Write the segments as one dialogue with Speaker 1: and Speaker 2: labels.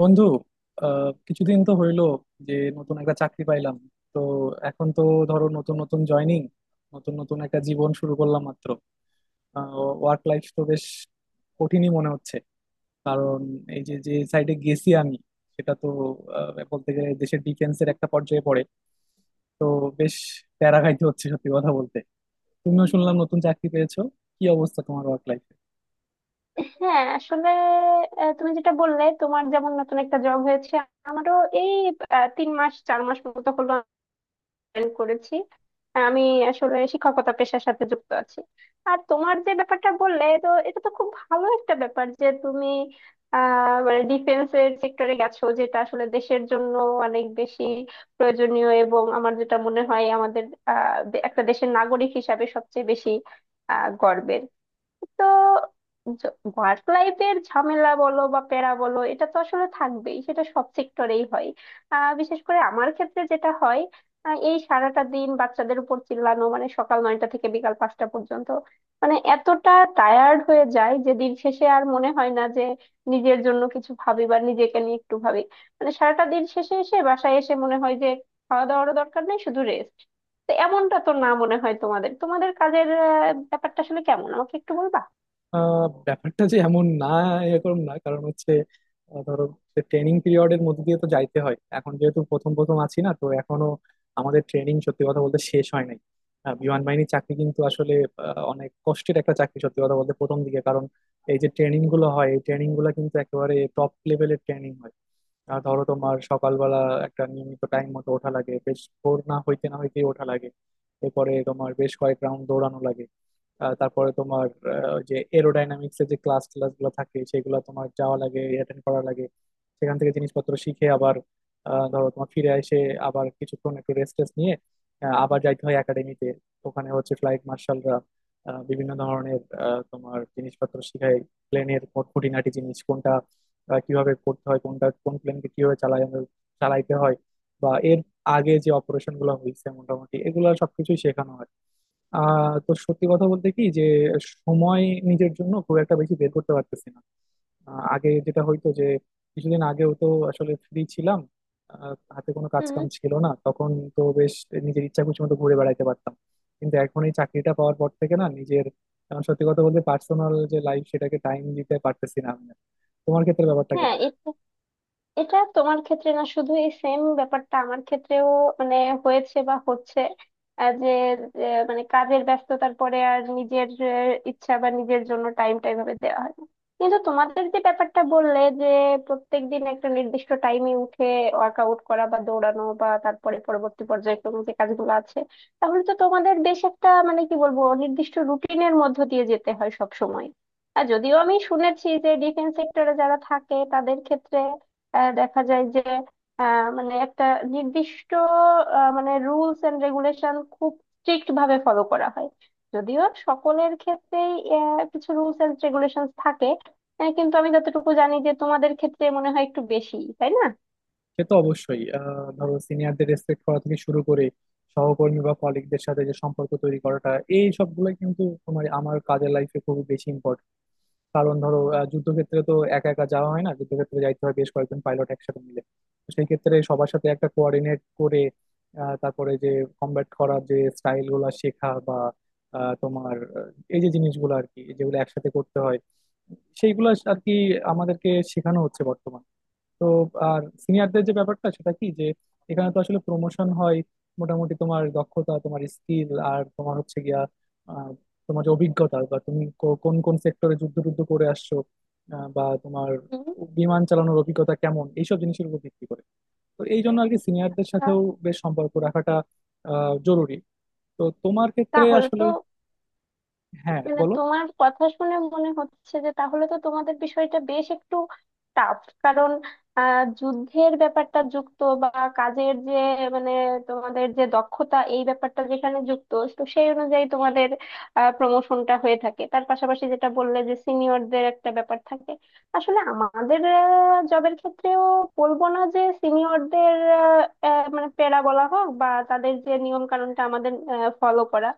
Speaker 1: বন্ধু, কিছুদিন তো হইলো যে নতুন একটা চাকরি পাইলাম। তো এখন তো ধরো নতুন নতুন জয়নিং, নতুন নতুন একটা জীবন শুরু করলাম মাত্র। ওয়ার্ক লাইফ তো বেশ কঠিনই মনে হচ্ছে, কারণ এই যে যে সাইডে গেছি আমি, সেটা তো বলতে গেলে দেশের ডিফেন্সের একটা পর্যায়ে পড়ে। তো বেশ প্যারা খাইতে হচ্ছে সত্যি কথা বলতে। তুমিও শুনলাম নতুন চাকরি পেয়েছো, কি অবস্থা তোমার ওয়ার্ক লাইফ?
Speaker 2: হ্যাঁ আসলে তুমি যেটা বললে তোমার যেমন নতুন একটা জব হয়েছে, আমারও এই 3 মাস 4 মাস মতো হলো জয়েন করেছি। আমি আসলে শিক্ষকতা পেশার সাথে যুক্ত আছি। আর তোমার যে ব্যাপারটা বললে তো এটা তো খুব ভালো একটা ব্যাপার যে তুমি মানে ডিফেন্সের সেক্টরে গেছো, যেটা আসলে দেশের জন্য অনেক বেশি প্রয়োজনীয়। এবং আমার যেটা মনে হয় আমাদের একটা দেশের নাগরিক হিসাবে সবচেয়ে বেশি গর্বের। তো ওয়ার্ক লাইফের ঝামেলা বলো বা প্যারা বলো এটা তো আসলে থাকবেই, সেটা সব সেক্টরেই হয়। বিশেষ করে আমার ক্ষেত্রে যেটা হয় এই সারাটা দিন বাচ্চাদের উপর চিল্লানো, মানে সকাল 9টা থেকে বিকাল 5টা পর্যন্ত, মানে এতটা টায়ার্ড হয়ে যায় যে দিন শেষে আর মনে হয় না যে নিজের জন্য কিছু ভাবি বা নিজেকে নিয়ে একটু ভাবি। মানে সারাটা দিন শেষে এসে বাসায় এসে মনে হয় যে খাওয়া দাওয়ারও দরকার নেই, শুধু রেস্ট। তো এমনটা তো না মনে হয় তোমাদের তোমাদের কাজের ব্যাপারটা আসলে কেমন, আমাকে একটু বলবা?
Speaker 1: ব্যাপারটা যে এমন না, এরকম না। কারণ হচ্ছে ধরো ট্রেনিং পিরিয়ডের মধ্যে দিয়ে তো যাইতে হয়, এখন যেহেতু প্রথম প্রথম আছি না, তো এখনো আমাদের ট্রেনিং সত্যি কথা বলতে শেষ হয় নাই। বিমান বাহিনীর চাকরি কিন্তু আসলে অনেক কষ্টের একটা চাকরি সত্যি কথা বলতে প্রথম দিকে। কারণ এই যে ট্রেনিং গুলো হয়, এই ট্রেনিং গুলো কিন্তু একেবারে টপ লেভেলের ট্রেনিং হয়। আর ধরো তোমার সকালবেলা একটা নিয়মিত টাইম মতো ওঠা লাগে, বেশ ভোর না হইতেই ওঠা লাগে। এরপরে তোমার বেশ কয়েক রাউন্ড দৌড়ানো লাগে। তারপরে তোমার ওই যে এরোডাইনামিক্স এর যে ক্লাস ক্লাস গুলো থাকে, সেগুলো তোমার যাওয়া লাগে, অ্যাটেন্ড করা লাগে। সেখান থেকে জিনিসপত্র শিখে আবার ধরো তোমার ফিরে এসে আবার কিছুক্ষণ একটু রেস্ট টেস্ট নিয়ে আবার যাইতে হয় একাডেমিতে। ওখানে হচ্ছে ফ্লাইট মার্শালরা বিভিন্ন ধরনের তোমার জিনিসপত্র শিখায়, প্লেনের খুঁটিনাটি জিনিস কোনটা কিভাবে করতে হয়, কোনটা কোন প্লেনকে কিভাবে চালাই আমরা, চালাইতে হয়, বা এর আগে যে অপারেশন গুলো হয়েছে মোটামুটি এগুলো সবকিছুই শেখানো হয়। তো সত্যি কথা বলতে কি, যে সময় নিজের জন্য খুব একটা বেশি বের করতে পারতেছি না। আগে যেটা হইতো যে কিছুদিন আগেও তো আসলে ফ্রি ছিলাম, হাতে কোনো কাজ
Speaker 2: হুম।
Speaker 1: কাম ছিল না তখন। তো বেশ নিজের ইচ্ছা খুশি মতো ঘুরে বেড়াইতে পারতাম, কিন্তু এখন এই চাকরিটা পাওয়ার পর থেকে না নিজের সত্যি কথা বলতে পার্সোনাল যে লাইফ, সেটাকে টাইম দিতে পারতেছি না আমি আর। তোমার ক্ষেত্রে ব্যাপারটা
Speaker 2: হ্যাঁ,
Speaker 1: কেমন?
Speaker 2: এটা এটা তোমার ক্ষেত্রে না শুধু, এই সেম ব্যাপারটা আমার ক্ষেত্রেও মানে হয়েছে বা হচ্ছে। আহ, যে যে মানে কাজের ব্যস্ততার পরে আর নিজের ইচ্ছা বা নিজের জন্য টাইমটা এভাবে দেওয়া হয় না। কিন্তু তোমাদের যে ব্যাপারটা বললে যে প্রত্যেক দিন একটা নির্দিষ্ট টাইমে উঠে ওয়ার্কআউট করা বা দৌড়ানো বা তারপরে পরবর্তী পর্যায়ক্রমে যে কাজগুলো আছে, তাহলে তো তোমাদের বেশ একটা মানে কি বলবো নির্দিষ্ট রুটিনের মধ্য দিয়ে যেতে হয় সব সময়। আর যদিও আমি শুনেছি যে ডিফেন্স সেক্টরে যারা থাকে তাদের ক্ষেত্রে দেখা যায় যে মানে একটা নির্দিষ্ট মানে রুলস এন্ড রেগুলেশন খুব স্ট্রিক্ট ভাবে ফলো করা হয়। যদিও সকলের ক্ষেত্রেই কিছু রুলস এন্ড রেগুলেশন থাকে, কিন্তু আমি যতটুকু জানি যে তোমাদের ক্ষেত্রে মনে হয় একটু বেশি, তাই না?
Speaker 1: সে তো অবশ্যই, ধরো সিনিয়রদের রেসপেক্ট করা থেকে শুরু করে সহকর্মী বা কলিগদের সাথে যে সম্পর্ক তৈরি করাটা, এই সবগুলো কিন্তু তোমার আমার কাজের লাইফে খুবই বেশি ইম্পর্টেন্ট। কারণ ধরো যুদ্ধক্ষেত্রে তো একা একা যাওয়া হয় না, যুদ্ধক্ষেত্রে যাইতে হয় বেশ কয়েকজন পাইলট একসাথে মিলে। তো সেই ক্ষেত্রে সবার সাথে একটা কোঅর্ডিনেট করে তারপরে যে কমব্যাট করার যে স্টাইল গুলা শেখা বা এই যে জিনিসগুলো আর কি, যেগুলো একসাথে করতে হয়, সেইগুলো আর কি আমাদেরকে শেখানো হচ্ছে বর্তমানে। তো আর সিনিয়রদের যে ব্যাপারটা, সেটা কি যে এখানে তো আসলে প্রমোশন হয় মোটামুটি তোমার দক্ষতা, তোমার স্কিল, আর তোমার হচ্ছে গিয়া আহ, তোমার যে অভিজ্ঞতা, বা তুমি কোন কোন সেক্টরে যুদ্ধ টুদ্ধ করে আসছো, বা তোমার
Speaker 2: হুম,
Speaker 1: বিমান চালানোর অভিজ্ঞতা কেমন, এইসব জিনিসের উপর ভিত্তি করে। তো এই জন্য আর কি সিনিয়রদের
Speaker 2: আহ,
Speaker 1: সাথেও বেশ সম্পর্ক রাখাটা জরুরি। তো তোমার ক্ষেত্রে
Speaker 2: তাহলে
Speaker 1: আসলে
Speaker 2: তো
Speaker 1: হ্যাঁ,
Speaker 2: মানে
Speaker 1: বলো।
Speaker 2: তোমার কথা শুনে মনে হচ্ছে যে তাহলে তো তোমাদের বিষয়টা বেশ একটু টাফ, কারণ যুদ্ধের ব্যাপারটা যুক্ত বা কাজের যে মানে তোমাদের যে দক্ষতা এই ব্যাপারটা যেখানে যুক্ত, তো সেই অনুযায়ী তোমাদের প্রমোশনটা হয়ে থাকে, তার পাশাপাশি যেটা বললে যে সিনিয়রদের একটা ব্যাপার থাকে। আসলে আমাদের জবের ক্ষেত্রেও বলবো না যে সিনিয়রদের মানে প্যারা বলা হোক বা তাদের যে নিয়ম কানুনটা আমাদের ফলো করা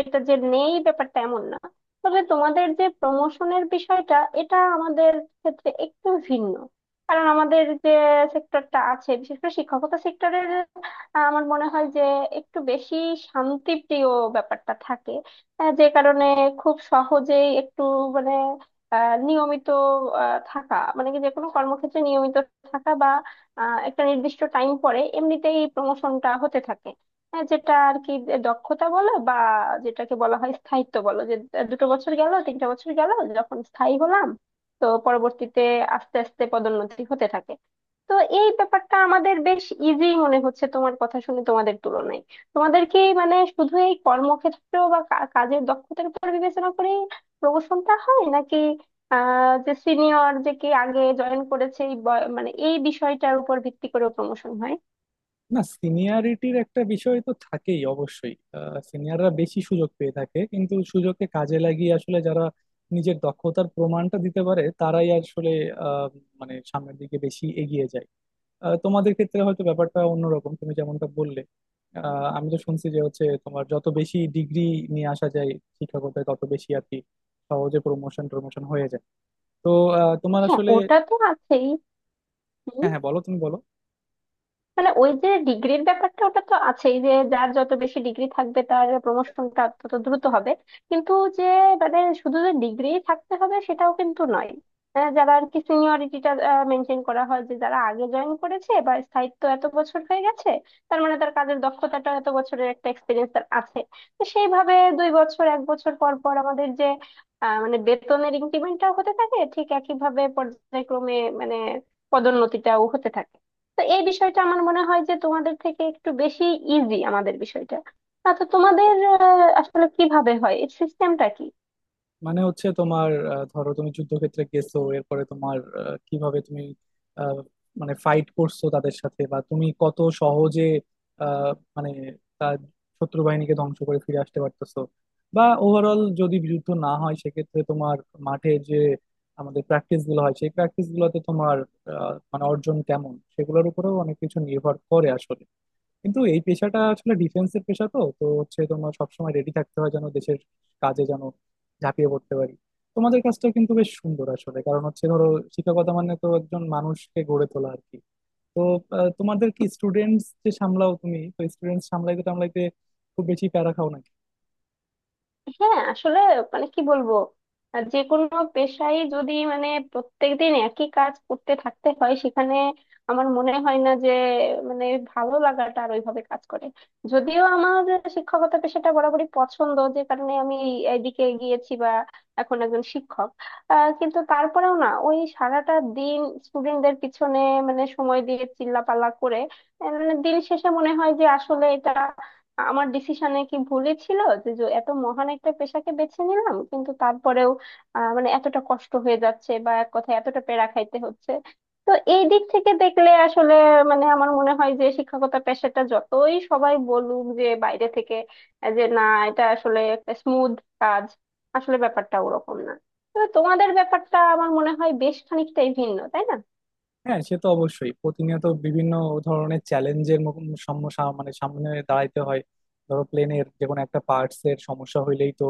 Speaker 2: এটা যে নেই, ব্যাপারটা এমন না। তবে তোমাদের যে প্রমোশনের বিষয়টা এটা আমাদের ক্ষেত্রে একটু ভিন্ন। কারণ আমাদের যে সেক্টরটা আছে বিশেষ করে শিক্ষকতা সেক্টরের আমার মনে হয় যে একটু বেশি শান্তিপ্রিয় ব্যাপারটা থাকে, যে কারণে খুব সহজেই একটু মানে নিয়মিত থাকা মানে কি যে কোনো কর্মক্ষেত্রে নিয়মিত থাকা বা একটা নির্দিষ্ট টাইম পরে এমনিতেই প্রমোশনটা হতে থাকে। হ্যাঁ, যেটা আর কি দক্ষতা বলো বা যেটাকে বলা হয় স্থায়িত্ব বলো, যে 2 বছর গেল 3 বছর গেল যখন স্থায়ী হলাম, তো পরবর্তীতে আস্তে আস্তে পদোন্নতি হতে থাকে। তো এই ব্যাপারটা আমাদের বেশ ইজি মনে হচ্ছে তোমার কথা শুনে তোমাদের তুলনায়। তোমাদের কি মানে শুধু এই কর্মক্ষেত্র বা কাজের দক্ষতার উপর বিবেচনা করে প্রমোশনটা হয় নাকি যে সিনিয়র যে কে আগে জয়েন করেছে এই মানে এই বিষয়টার উপর ভিত্তি করেও প্রমোশন হয়?
Speaker 1: না, সিনিয়রিটির একটা বিষয় তো থাকেই অবশ্যই। সিনিয়ররা বেশি সুযোগ পেয়ে থাকে, কিন্তু সুযোগকে কাজে লাগিয়ে আসলে যারা নিজের দক্ষতার প্রমাণটা দিতে পারে, তারাই আসলে আহ, মানে সামনের দিকে বেশি এগিয়ে যায়। তোমাদের ক্ষেত্রে হয়তো ব্যাপারটা অন্যরকম, তুমি যেমনটা বললে আমি তো শুনছি যে হচ্ছে তোমার যত বেশি ডিগ্রি নিয়ে আসা যায় শিক্ষকতায়, তত বেশি আর কি সহজে প্রমোশন প্রমোশন হয়ে যায়। তো তোমার
Speaker 2: হ্যাঁ
Speaker 1: আসলে
Speaker 2: ওটা তো আছেই।
Speaker 1: হ্যাঁ হ্যাঁ, বলো, তুমি বলো।
Speaker 2: মানে ওই যে ডিগ্রির ব্যাপারটা ওটা তো আছেই যে যার যত বেশি ডিগ্রি থাকবে তার প্রমোশনটা তত দ্রুত হবে। কিন্তু যে মানে শুধু যে ডিগ্রি থাকতে হবে সেটাও কিন্তু নয়। যারা আর কি সিনিয়রিটিটা মেনটেন করা হয় যে যারা আগে জয়েন করেছে বা স্থায়িত্ব এত বছর হয়ে গেছে, তার মানে তার কাজের দক্ষতাটা এত বছরের একটা এক্সপিরিয়েন্স তার আছে। তো সেইভাবে 2 বছর 1 বছর পর পর আমাদের যে মানে বেতনের ইনক্রিমেন্টটাও হতে থাকে ঠিক একইভাবে পর্যায়ক্রমে, মানে পদোন্নতিটাও হতে থাকে। তো এই বিষয়টা আমার মনে হয় যে তোমাদের থেকে একটু বেশি ইজি আমাদের বিষয়টা। আচ্ছা তোমাদের আসলে কিভাবে হয় এর সিস্টেমটা কি?
Speaker 1: মানে হচ্ছে তোমার ধরো তুমি যুদ্ধক্ষেত্রে গেছো, এরপরে তোমার কিভাবে তুমি আহ, মানে ফাইট করছো তাদের সাথে, বা তুমি কত সহজে আহ, মানে তার শত্রু বাহিনীকে ধ্বংস করে ফিরে আসতে পারতেছো, বা ওভারঅল যদি যুদ্ধ না হয় সেক্ষেত্রে তোমার মাঠে যে আমাদের প্র্যাকটিস গুলো হয়, সেই প্র্যাকটিস গুলোতে তোমার মানে অর্জন কেমন, সেগুলোর উপরেও অনেক কিছু নির্ভর করে আসলে। কিন্তু এই পেশাটা আসলে ডিফেন্সের পেশা, তো তো হচ্ছে তোমার সবসময় রেডি থাকতে হয় যেন দেশের কাজে যেন ঝাঁপিয়ে পড়তে পারি। তোমাদের কাজটা কিন্তু বেশ সুন্দর আসলে, কারণ হচ্ছে ধরো শিক্ষকতা মানে তো একজন মানুষকে গড়ে তোলা আর কি। তো তোমাদের কি স্টুডেন্টস যে সামলাও, তুমি তো স্টুডেন্টস সামলাইতে টামলাইতে খুব বেশি প্যারা খাও না?
Speaker 2: হ্যাঁ আসলে মানে কি বলবো যে কোনো পেশাই যদি মানে প্রত্যেকদিন একই কাজ করতে থাকতে হয় সেখানে আমার মনে হয় না যে মানে ভালো লাগাটা আর ওইভাবে কাজ করে। যদিও আমার শিক্ষকতা পেশাটা বরাবরই পছন্দ, যে কারণে আমি এইদিকে গিয়েছি বা এখন একজন শিক্ষক। কিন্তু তারপরেও না, ওই সারাটা দিন স্টুডেন্টদের পিছনে মানে সময় দিয়ে চিল্লাপাল্লা করে মানে দিন শেষে মনে হয় যে আসলে এটা আমার ডিসিশনে কি ভুলই ছিল, যে যে এত মহান একটা পেশাকে বেছে নিলাম কিন্তু তারপরেও মানে এতটা কষ্ট হয়ে যাচ্ছে বা এক কথায় এতটা পেরা খাইতে হচ্ছে। তো এই দিক থেকে দেখলে আসলে মানে আমার মনে হয় যে শিক্ষকতা পেশাটা যতই সবাই বলুক যে বাইরে থেকে যে না এটা আসলে একটা স্মুথ কাজ, আসলে ব্যাপারটা ওরকম না। তবে তোমাদের ব্যাপারটা আমার মনে হয় বেশ খানিকটাই ভিন্ন, তাই না?
Speaker 1: হ্যাঁ, সে তো অবশ্যই প্রতিনিয়ত বিভিন্ন ধরনের চ্যালেঞ্জের মানে সামনে দাঁড়াইতে হয়। ধরো প্লেনের যে কোনো একটা পার্টস এর সমস্যা হইলেই তো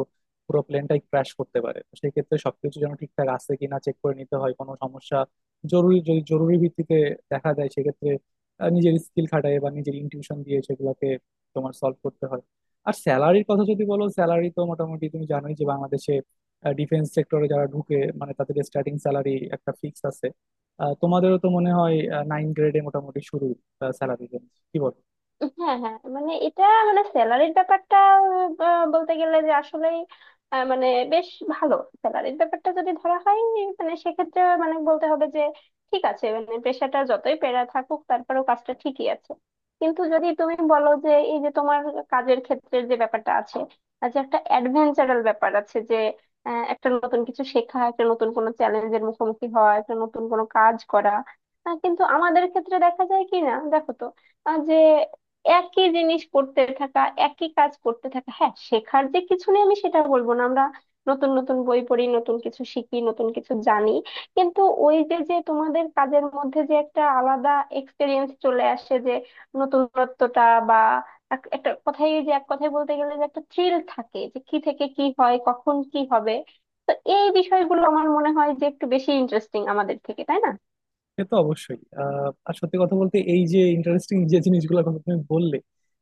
Speaker 1: পুরো প্লেনটাই ক্র্যাশ করতে পারে। তো সেই ক্ষেত্রে সবকিছু যেন ঠিকঠাক আছে কিনা চেক করে নিতে হয়, কোনো সমস্যা জরুরি, যদি জরুরি ভিত্তিতে দেখা যায় সেক্ষেত্রে নিজের স্কিল খাটায় বা নিজের ইনটিউশন দিয়ে সেগুলোকে তোমার সলভ করতে হয়। আর স্যালারির কথা যদি বলো, স্যালারি তো মোটামুটি তুমি জানোই যে বাংলাদেশে ডিফেন্স সেক্টরে যারা ঢুকে মানে তাদের স্টার্টিং স্যালারি একটা ফিক্স আছে। তোমাদেরও তো মনে হয় নাইন গ্রেডে মোটামুটি শুরু, স্যালারি রেঞ্জ কি বল?
Speaker 2: হ্যাঁ হ্যাঁ মানে এটা মানে স্যালারির ব্যাপারটা বলতে গেলে যে আসলেই মানে বেশ ভালো স্যালারির ব্যাপারটা যদি ধরা হয় মানে সেক্ষেত্রে মানে বলতে হবে যে ঠিক আছে, মানে পেশাটা যতই প্যারা থাকুক তারপরেও কাজটা ঠিকই আছে। কিন্তু যদি তুমি বলো যে এই যে তোমার কাজের ক্ষেত্রে যে ব্যাপারটা আছে আর যে একটা অ্যাডভেঞ্চারাল ব্যাপার আছে যে একটা নতুন কিছু শেখা একটা নতুন কোনো চ্যালেঞ্জের মুখোমুখি হওয়া একটা নতুন কোনো কাজ করা, কিন্তু আমাদের ক্ষেত্রে দেখা যায় কি না দেখো তো, যে একই জিনিস করতে থাকা একই কাজ করতে থাকা। হ্যাঁ শেখার যে কিছু নেই আমি সেটা বলবো না, আমরা নতুন নতুন বই পড়ি নতুন কিছু শিখি নতুন কিছু জানি কিন্তু ওই যে যে তোমাদের কাজের মধ্যে যে একটা আলাদা এক্সপিরিয়েন্স চলে আসে যে নতুনত্বটা বা একটা কথাই যে এক কথায় বলতে গেলে যে একটা থ্রিল থাকে যে কি থেকে কি হয় কখন কি হবে, এই বিষয়গুলো আমার মনে হয় যে একটু বেশি ইন্টারেস্টিং আমাদের থেকে, তাই না?
Speaker 1: সে তো অবশ্যই আর সত্যি কথা বলতে এই যে ইন্টারেস্টিং যে জিনিসগুলোর কথা তুমি বললে,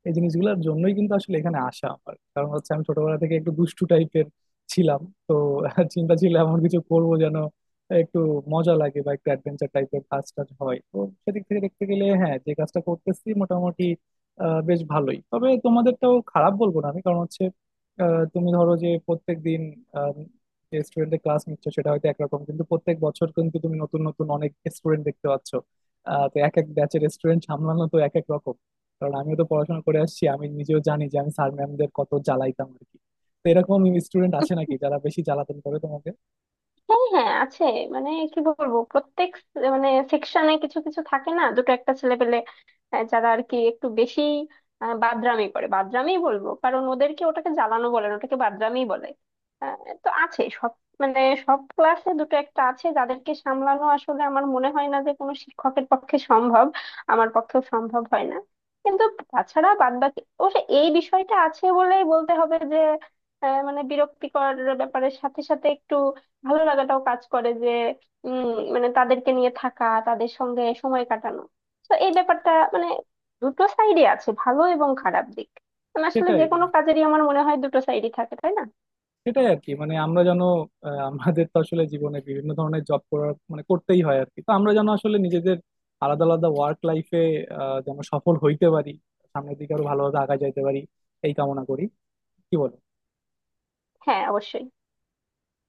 Speaker 1: এই জিনিসগুলোর জন্যই কিন্তু আসলে এখানে আসা আমার। কারণ হচ্ছে আমি ছোটবেলা থেকে একটু দুষ্টু টাইপের ছিলাম। তো চিন্তা ছিল এমন কিছু করবো যেন একটু মজা লাগে বা একটু অ্যাডভেঞ্চার টাইপের কাজ টাজ হয়। তো সেদিক থেকে দেখতে গেলে হ্যাঁ, যে কাজটা করতেছি মোটামুটি বেশ ভালোই। তবে তোমাদেরটাও খারাপ বলবো না আমি, কারণ হচ্ছে তুমি ধরো যে প্রত্যেকদিন স্টুডেন্টের ক্লাস নিচ্ছ সেটা হয়তো একরকম, কিন্তু প্রত্যেক বছর কিন্তু তুমি নতুন নতুন অনেক স্টুডেন্ট দেখতে পাচ্ছ। তো এক এক ব্যাচের স্টুডেন্ট সামলানো তো এক এক রকম। কারণ আমিও তো পড়াশোনা করে আসছি, আমি নিজেও জানি যে আমি স্যার ম্যামদের কত জ্বালাইতাম আর কি। তো এরকম স্টুডেন্ট আছে নাকি যারা বেশি জ্বালাতন করে তোমাকে?
Speaker 2: হ্যাঁ হ্যাঁ আছে। মানে কি বলবো প্রত্যেক মানে সেকশনে কিছু কিছু থাকে না দুটো একটা ছেলে পেলে যারা আর কি একটু বেশি বাদরামি করে। বাদরামি বলবো কারণ ওদেরকে ওটাকে জ্বালানো বলে না, ওটাকে বাদরামি বলে। আহ, তো আছে সব মানে সব ক্লাসে দুটো একটা আছে যাদেরকে সামলানো আসলে আমার মনে হয় না যে কোনো শিক্ষকের পক্ষে সম্ভব, আমার পক্ষেও সম্ভব হয় না। কিন্তু তাছাড়া বাদ বাকি অবশ্য এই বিষয়টা আছে বলেই বলতে হবে যে মানে বিরক্তিকর ব্যাপারের সাথে সাথে একটু ভালো লাগাটাও কাজ করে যে উম মানে তাদেরকে নিয়ে থাকা তাদের সঙ্গে সময় কাটানো। তো এই ব্যাপারটা মানে দুটো সাইডে আছে ভালো এবং খারাপ দিক। মানে আসলে
Speaker 1: সেটাই,
Speaker 2: যে কোনো কাজেরই আমার মনে হয় দুটো সাইডই থাকে, তাই না?
Speaker 1: সেটাই আর কি। মানে আমরা যেন আমাদের তো আসলে জীবনে বিভিন্ন ধরনের জব করার মানে করতেই হয় আর কি। তো আমরা যেন আসলে নিজেদের আলাদা আলাদা ওয়ার্ক লাইফে যেন সফল হইতে পারি, সামনের দিকে আরো ভালোভাবে আগা যাইতে পারি, এই কামনা করি। কি বলো?
Speaker 2: হ্যাঁ অবশ্যই।